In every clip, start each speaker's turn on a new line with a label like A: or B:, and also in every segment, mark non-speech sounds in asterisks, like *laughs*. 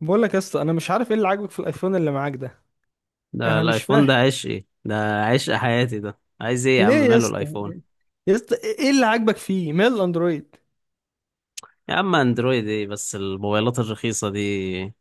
A: بقول لك يا اسطى، انا مش عارف ايه اللي عاجبك في الايفون اللي معاك ده.
B: ده
A: انا مش
B: الايفون
A: فاهم
B: ده عشقي، ده عشق حياتي. ده عايز ايه يا
A: ليه
B: عم؟
A: يا
B: ماله
A: اسطى.
B: الايفون؟
A: يا اسطى، ايه اللي عاجبك فيه مال الاندرويد؟
B: يا عم اندرويد ايه بس؟ الموبايلات الرخيصة دي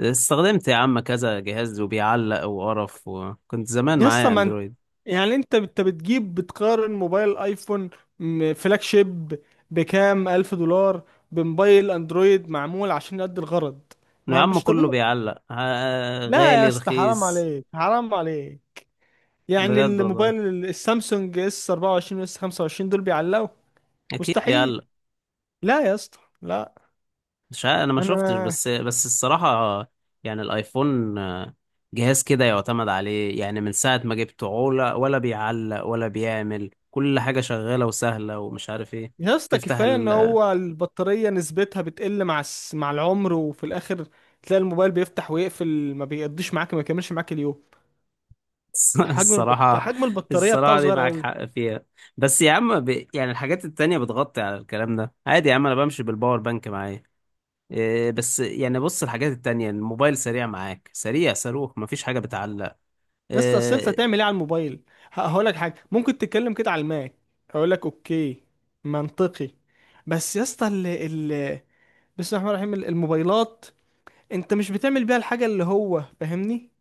B: استخدمت يا عم كذا جهاز وبيعلق وقرف، وكنت زمان
A: يا اسطى
B: معايا
A: ما انت،
B: اندرويد.
A: يعني انت بتجيب بتقارن موبايل ايفون فلاج شيب بكام الف دولار بموبايل اندرويد معمول عشان يؤدي الغرض.
B: يا
A: ما هو
B: عم
A: مش
B: كله
A: طبيعي.
B: بيعلق،
A: لا يا
B: غالي
A: اسطى، حرام
B: رخيص.
A: عليك حرام عليك. يعني
B: بجد والله
A: الموبايل السامسونج اس 24 واس 25 دول بيعلقوا.
B: اكيد
A: مستحيل.
B: بيعلق.
A: لا يا اسطى لا.
B: مش عارف، انا ما شفتش
A: انا،
B: بس الصراحة. يعني الايفون، جهاز كده يعتمد عليه. يعني من ساعة ما جبته عولة، ولا بيعلق ولا بيعمل، كل حاجة شغالة وسهلة ومش عارف ايه.
A: يا اسطى
B: تفتح
A: كفايه ان
B: ال...
A: هو البطاريه نسبتها بتقل مع مع العمر، وفي الاخر تلاقي الموبايل بيفتح ويقفل، ما بيقضيش معاك، ما بيكملش معاك اليوم.
B: *laughs* الصراحة،
A: حجم البطاريه بتاعه
B: الصراحة دي
A: صغير
B: معاك
A: قوي.
B: حق فيها. بس يا عم يعني الحاجات التانية بتغطي على الكلام ده. عادي يا عم، انا بمشي بالباور بانك معايا. إيه بس يعني بص، الحاجات التانية الموبايل سريع معاك، سريع صاروخ، مفيش حاجة بتعلق.
A: يا اسطى اصل انت
B: آه،
A: هتعمل ايه على الموبايل؟ هقول لك حاجه ممكن تتكلم كده على الماء، هقول لك اوكي، منطقي. بس يا اسطى بسم الله الرحمن الرحيم، الموبايلات انت مش بتعمل بيها الحاجه اللي هو، فاهمني.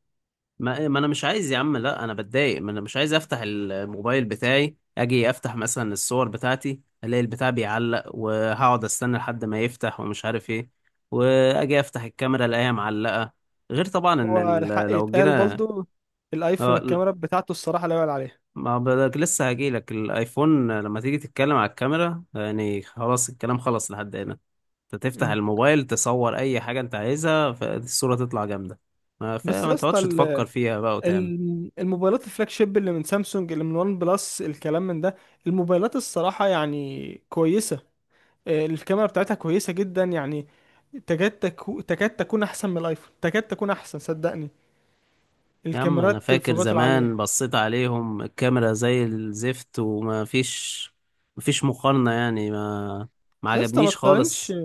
B: ما انا مش عايز يا عم. لا انا بتضايق، ما انا مش عايز افتح الموبايل بتاعي اجي افتح مثلا الصور بتاعتي الاقي البتاع بيعلق وهقعد استنى لحد ما يفتح ومش عارف ايه. واجي افتح الكاميرا الاقيها معلقة. غير طبعا ان
A: هو الحق
B: لو
A: يتقال
B: جينا.
A: برضه، الايفون
B: لا،
A: الكاميرا بتاعته الصراحه لا يعلى عليها.
B: ما بدك لسه هجيلك الايفون لما تيجي تتكلم على الكاميرا. يعني خلاص الكلام خلص لحد هنا. انت تفتح
A: إمم.
B: الموبايل تصور اي حاجة انت عايزها، فالصورة تطلع جامدة. ما
A: بس
B: فما
A: يا اسطى
B: تقعدش تفكر فيها بقى وتعمل.
A: الموبايلات الفلاج شيب اللي من سامسونج، اللي من وان بلس، الكلام من ده، الموبايلات الصراحة يعني كويسة، آه، الكاميرا بتاعتها كويسة جدا يعني، تكاد تكون احسن من الايفون، تكاد تكون احسن صدقني.
B: يا عم انا
A: الكاميرات
B: فاكر
A: الفوجات
B: زمان
A: العالية.
B: بصيت عليهم، الكاميرا زي الزفت وما فيش، ما فيش مقارنة. ما
A: يا اسطى ما
B: عجبنيش
A: تقارنش،
B: خالص.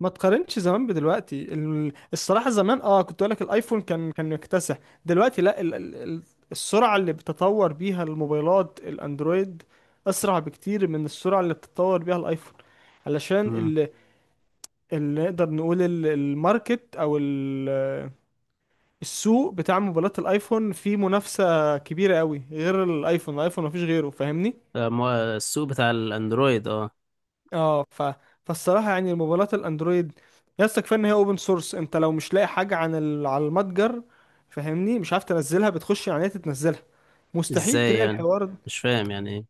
A: ما تقارنش زمان بدلوقتي. الصراحة زمان، اه، كنت اقول لك الايفون كان مكتسح. دلوقتي لا، السرعة اللي بتطور بيها الموبايلات الاندرويد اسرع بكتير من السرعة اللي بتطور بيها الايفون. علشان
B: مم.
A: اللي نقدر نقول الماركت او السوق بتاع موبايلات الايفون فيه منافسة كبيرة قوي، غير الايفون، الايفون مفيش غيره، فاهمني.
B: ده السوق بتاع الاندرويد اه.
A: اه، فالصراحه يعني موبايلات الاندرويد، يس، كفايه ان هي اوبن سورس. انت لو مش لاقي حاجه عن على المتجر، فاهمني، مش عارف تنزلها، بتخش على النت تنزلها. مستحيل
B: ازاي
A: تلاقي
B: يعني؟
A: الحوار ده.
B: مش فاهم يعني ايه.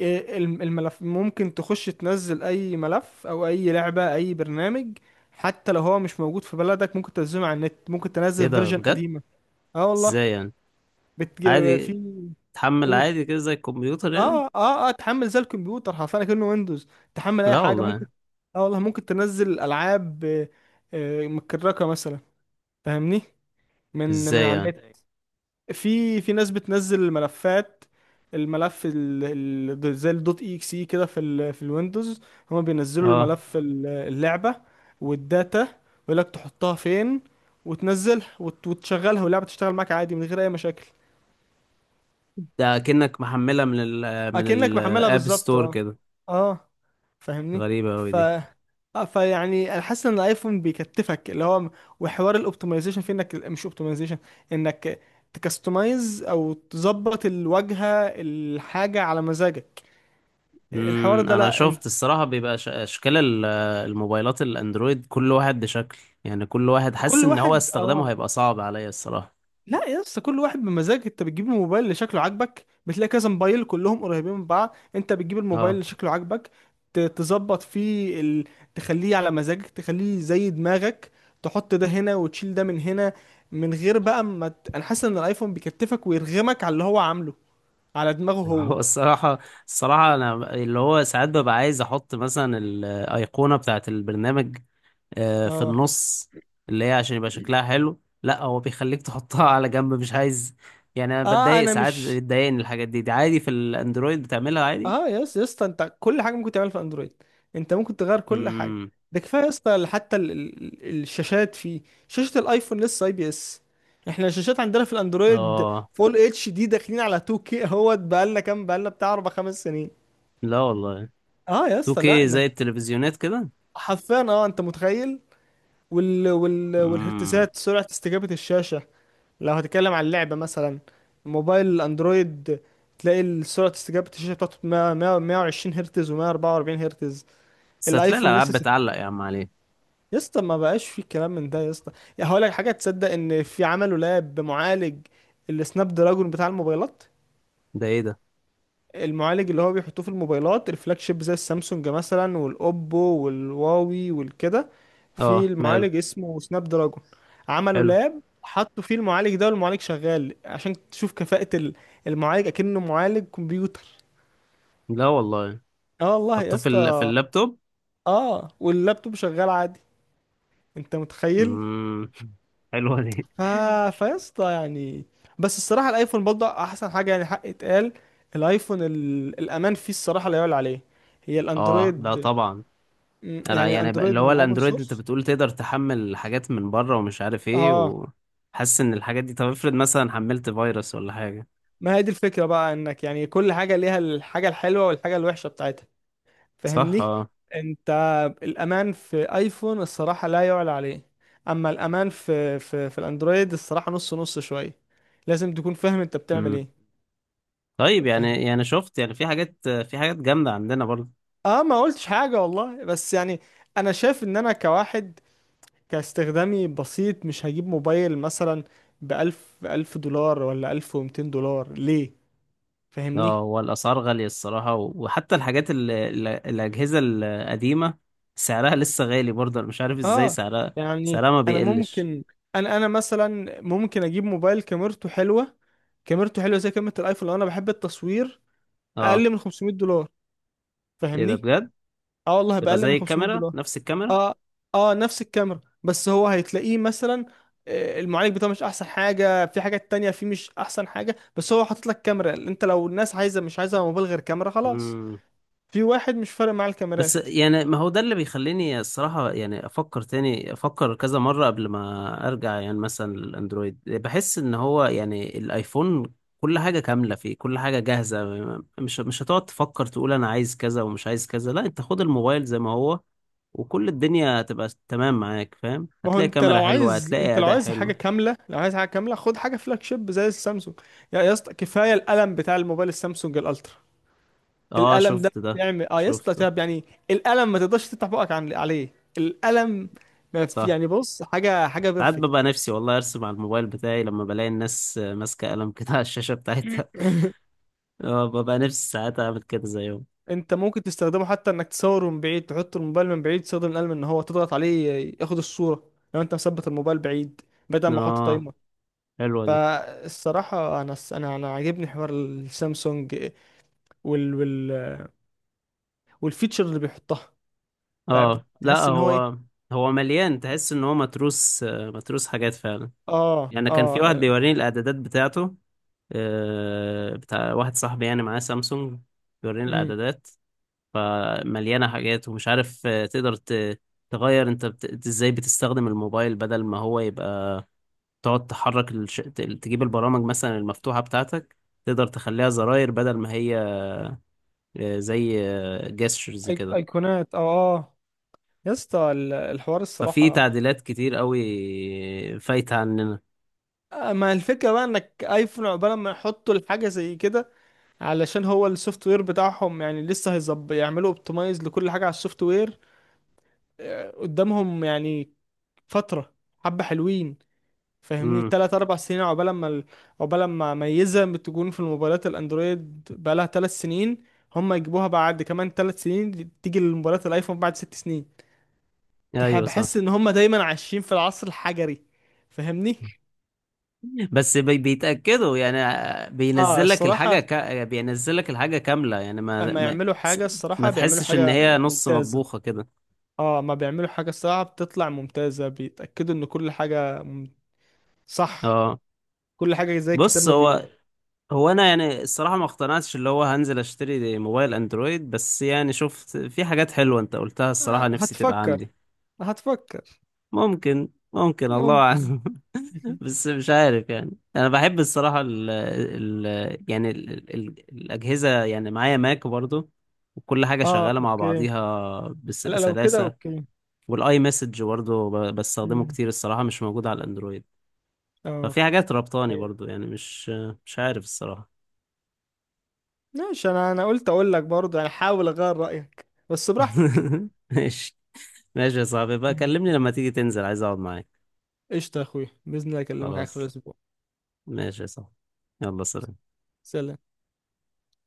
A: إيه الملف، ممكن تخش تنزل اي ملف او اي لعبه اي برنامج، حتى لو هو مش موجود في بلدك ممكن تنزله على النت، ممكن
B: ايه
A: تنزل
B: ده
A: فيرجن
B: بجد؟
A: قديمه. اه والله.
B: ازاي يعني؟
A: بتج... في
B: عادي تحمل
A: قول.
B: عادي كده زي الكمبيوتر يعني؟
A: اه اه، اه تحمل زي الكمبيوتر حرفيا كأنه ويندوز، تحمل اي
B: لا
A: حاجه ممكن.
B: والله.
A: اه والله، ممكن تنزل العاب، آه، آه متكركه مثلا، فاهمني، من
B: ازاي
A: على
B: يعني؟
A: النت. في ناس بتنزل الملفات، الملف زي الدوت اي اكس اي كده في في الويندوز، هما بينزلوا
B: اه.
A: الملف اللعبه والداتا، ويقول لك تحطها فين، وتنزلها وتشغلها، واللعبه تشتغل معاك عادي من غير اي مشاكل.
B: ده كأنك محملها من ال من
A: اكنك محملها
B: الاب
A: بالظبط،
B: ستور
A: اه
B: كده.
A: اه، فاهمني.
B: غريبة اوي
A: ف
B: دي.
A: اه، فيعني انا حاسس ان الايفون بيكتفك، اللي هو وحوار الاوبتمايزيشن، في انك مش اوبتمايزيشن، انك تكستمايز او تظبط الواجهه، الحاجه على مزاجك، الحوار
B: امم،
A: ده
B: انا
A: لا. انت
B: شفت الصراحه بيبقى اشكال الموبايلات الاندرويد كل واحد بشكل. يعني كل واحد حاسس
A: كل
B: ان هو
A: واحد
B: استخدامه
A: اه.
B: هيبقى صعب عليا الصراحه.
A: لا يا اسطى، كل واحد بمزاج، انت بتجيب الموبايل اللي شكله عاجبك، بتلاقي كذا موبايل كلهم قريبين من بعض، انت بتجيب الموبايل
B: اه.
A: اللي شكله عاجبك، تظبط فيه تخليه على مزاجك، تخليه زي دماغك، تحط ده هنا وتشيل ده من هنا، من غير بقى ما انا حاسس ان الايفون بيكتفك ويرغمك على اللي هو عامله على دماغه
B: *laughs* هو
A: هو.
B: الصراحه، الصراحه انا اللي هو ساعات ببقى عايز احط مثلا الايقونه بتاعه البرنامج، في
A: اه
B: النص، اللي هي عشان يبقى شكلها حلو. لا هو بيخليك تحطها على جنب، مش عايز. يعني انا
A: اه،
B: بتضايق
A: انا
B: ساعات،
A: مش،
B: بتضايقني الحاجات دي. دي عادي في الاندرويد بتعملها عادي.
A: اه، يا اسطى يا اسطى، انت كل حاجه ممكن تعملها في اندرويد، انت ممكن تغير كل حاجه.
B: امم.
A: ده كفايه يا اسطى، حتى الشاشات فيه، شاشه الايفون لسه اي بي اس، احنا الشاشات عندنا في الاندرويد
B: اه.
A: فول اتش دي داخلين على 2K كي اهوت، بقالنا كام، بقالنا بتاع اربع خمس سنين.
B: لا والله.
A: اه يا اسطى لا
B: 2K، زي
A: انك،
B: التلفزيونات كده.
A: حرفيا، اه، انت متخيل،
B: امم.
A: والهرتزات، سرعه استجابه الشاشه لو هتتكلم عن اللعبه مثلا. موبايل الاندرويد تلاقي سرعه استجابه الشاشه بتاعته 100 120 هرتز و144 هرتز.
B: بس هتلاقي
A: الايفون
B: الالعاب
A: لسه
B: بتعلق يا عم عليه.
A: يا اسطى ما بقاش في كلام من ده يا اسطى. يا هقول لك حاجه، تصدق ان في عملوا لاب بمعالج السناب دراجون بتاع الموبايلات،
B: ده ايه ده؟
A: المعالج اللي هو بيحطوه في الموبايلات الفلاج شيب زي السامسونج مثلا والاوبو والهواوي والكده، في
B: اه ماله.
A: المعالج اسمه سناب دراجون، عملوا
B: حلو.
A: لاب حطوا فيه المعالج ده، والمعالج شغال عشان تشوف كفاءة المعالج اكنه معالج كمبيوتر.
B: لا والله.
A: اه والله يا
B: حطوه في
A: اسطى،
B: اللابتوب؟
A: اه، واللابتوب شغال عادي، انت متخيل.
B: امم. *laughs* حلوه دي.
A: ف... فيسطا يعني. بس الصراحة الايفون برضه احسن حاجة، يعني حق اتقال، الايفون الامان فيه الصراحة لا يعلى عليه. هي
B: اه ده
A: الاندرويد،
B: طبعا. انا
A: يعني
B: يعني بقى اللي
A: الاندرويد
B: هو
A: هو اوبن
B: الاندرويد انت
A: سورس.
B: بتقول تقدر تحمل حاجات من بره ومش عارف ايه،
A: اه،
B: وحاسس ان الحاجات دي، طب افرض مثلا حملت فيروس ولا حاجه.
A: ما هي دي الفكرة بقى، انك يعني كل حاجة ليها الحاجة الحلوة والحاجة الوحشة بتاعتها،
B: صح
A: فاهمني.
B: اه.
A: انت الامان في ايفون الصراحة لا يعلى عليه، اما الامان في في الاندرويد الصراحة نص نص شوية، لازم تكون فاهم انت بتعمل
B: امم. طيب
A: ايه.
B: يعني شفت يعني في حاجات، في حاجات جامده عندنا برضه.
A: اه، ما قلتش حاجة والله بس يعني، انا شايف ان انا كواحد كاستخدامي بسيط، مش هجيب موبايل مثلا بألف ألف دولار ولا ألف ومتين دولار، ليه؟
B: اه
A: فاهمني.
B: هو الاسعار غاليه الصراحه وحتى الحاجات ال ال الاجهزه القديمه سعرها لسه غالي برضه، انا مش عارف ازاي
A: اه
B: سعرها،
A: يعني
B: سعرها ما
A: انا
B: بيقلش.
A: ممكن، انا مثلا ممكن اجيب موبايل كاميرته حلوة، كاميرته حلوة زي كاميرا الايفون لو انا بحب التصوير،
B: اه.
A: اقل من 500 دولار،
B: ايه ده
A: فاهمني.
B: بجد؟
A: اه والله،
B: تبقى
A: بأقل من
B: زي
A: 500.
B: الكاميرا، نفس
A: اه اه، نفس الكاميرا، بس هو هيتلاقيه مثلا، آه، المعالج بتاعه مش احسن حاجه، في حاجات تانية فيه مش احسن حاجه، بس هو حاطط لك كاميرا، انت لو الناس عايزه، مش عايزه موبايل غير كاميرا، خلاص،
B: الكاميرا.
A: في واحد مش فارق معاه
B: بس
A: الكاميرات.
B: يعني ما هو ده اللي بيخليني الصراحة يعني أفكر تاني، أفكر كذا مرة قبل ما أرجع يعني مثلا للأندرويد. بحس إن هو يعني الآيفون كل حاجة كاملة فيه، كل حاجة جاهزة. مش هتقعد تفكر تقول أنا عايز كذا ومش عايز كذا. لا، أنت خد الموبايل زي ما هو وكل الدنيا هتبقى تمام معاك، فاهم؟
A: ما هو
B: هتلاقي
A: انت
B: كاميرا
A: لو
B: حلوة،
A: عايز،
B: هتلاقي
A: انت لو
B: أداء
A: عايز حاجه
B: حلو.
A: كامله، لو عايز حاجه كامله خد حاجه فلاج شيب زي السامسونج. يا، يا اسطى، كفايه القلم بتاع الموبايل السامسونج الالترا،
B: أه
A: القلم ده
B: شفت ده.
A: بيعمل اه يا اسطى،
B: شفته.
A: تعب يعني. القلم ما تقدرش تفتح بقك عن عليه، القلم ما في،
B: صح.
A: يعني بص، حاجه حاجه
B: ساعات
A: بيرفكت.
B: ببقى نفسي والله أرسم على الموبايل بتاعي لما بلاقي الناس ماسكة قلم كده على الشاشة بتاعتها.
A: *coughs* *laughs*
B: اه ببقى نفسي ساعات اعمل كده زيهم.
A: انت ممكن تستخدمه حتى انك تصوره من بعيد، تحط الموبايل من بعيد، تستخدم القلم ان هو تضغط عليه ياخد الصورة لو انت مثبت الموبايل بعيد، بدل ما احط
B: اه،
A: تايمر.
B: حلوة دي.
A: فالصراحة انا انا عاجبني حوار السامسونج، وال وال والفيتشر اللي بيحطها، بقى
B: اه لا
A: بتحس ان هو ايه.
B: هو، هو مليان، تحس ان هو متروس، متروس حاجات فعلا.
A: اه
B: يعني كان في
A: اه،
B: واحد
A: آه،
B: بيوريني الاعدادات بتاعته، بتاع واحد صاحبي يعني معاه سامسونج، بيوريني
A: امم،
B: الاعدادات فمليانة حاجات ومش عارف. تقدر تغير انت إنت ازاي بتستخدم الموبايل بدل ما هو يبقى تقعد تحرك تجيب البرامج مثلا المفتوحة بتاعتك، تقدر تخليها زراير بدل ما هي زي جيسترز كده.
A: ايقونات، اه اه، يا اسطى الحوار
B: ففي
A: الصراحة،
B: تعديلات كتير قوي فايتة عننا.
A: آه، ما الفكرة بقى انك ايفون عقبال ما يحطوا الحاجة زي كده، علشان هو السوفت وير بتاعهم يعني لسه هيظبط، يعملوا اوبتمايز لكل حاجة على السوفت وير، آه، قدامهم يعني فترة حبة حلوين، فاهمني،
B: امم.
A: تلات أربع سنين، عقبال ما عقبال ما ميزة بتكون في الموبايلات الأندرويد بقالها تلات سنين، هم يجيبوها بعد كمان تلات سنين، تيجي للموبايلات الأيفون بعد ست سنين.
B: ايوه صح.
A: بحس إن هم دايما عايشين في العصر الحجري، فاهمني؟
B: بس بيتأكدوا يعني،
A: اه الصراحة،
B: بينزل لك الحاجة كاملة يعني
A: أما يعملوا حاجة
B: ما
A: الصراحة بيعملوا
B: تحسش ان
A: حاجة
B: هي نص
A: ممتازة،
B: مطبوخة كده.
A: اه، ما بيعملوا حاجة الصراحة بتطلع ممتازة، بيتأكدوا ان كل حاجة صح،
B: اه.
A: كل حاجة زي الكتاب
B: بص
A: ما بيقول.
B: هو، هو انا يعني الصراحة ما اقتنعتش اللي هو هنزل اشتري موبايل اندرويد، بس يعني شفت في حاجات حلوة انت قلتها الصراحة
A: آه،
B: نفسي تبقى
A: هتفكر،
B: عندي.
A: هتفكر،
B: ممكن، ممكن، الله
A: ممكن.
B: اعلم.
A: *laughs*
B: بس مش عارف يعني. انا بحب الصراحه ال ال يعني ال ال الاجهزه، يعني معايا ماك برضو وكل حاجه
A: اه
B: شغاله مع
A: اوكي،
B: بعضيها بس
A: لا لو كده
B: بسلاسه.
A: اوكي.
B: والاي مسج برضو بستخدمه
A: مم.
B: كتير الصراحه، مش موجود على الاندرويد.
A: اه.
B: ففي حاجات ربطاني
A: أيوة.
B: برضو. مش عارف الصراحه.
A: ماشي، انا قلت اقول لك برضه يعني، حاول اغير رأيك، بس براحتك.
B: *laughs* ماشي. ماشي يا صاحبي، بقى
A: مم.
B: كلمني لما تيجي تنزل عايز اقعد معاك.
A: قشطة يا اخويا، بإذن الله اكلمك على اخر
B: خلاص،
A: الاسبوع.
B: ماشي يا صاحبي. يلا، سلام.
A: سلام.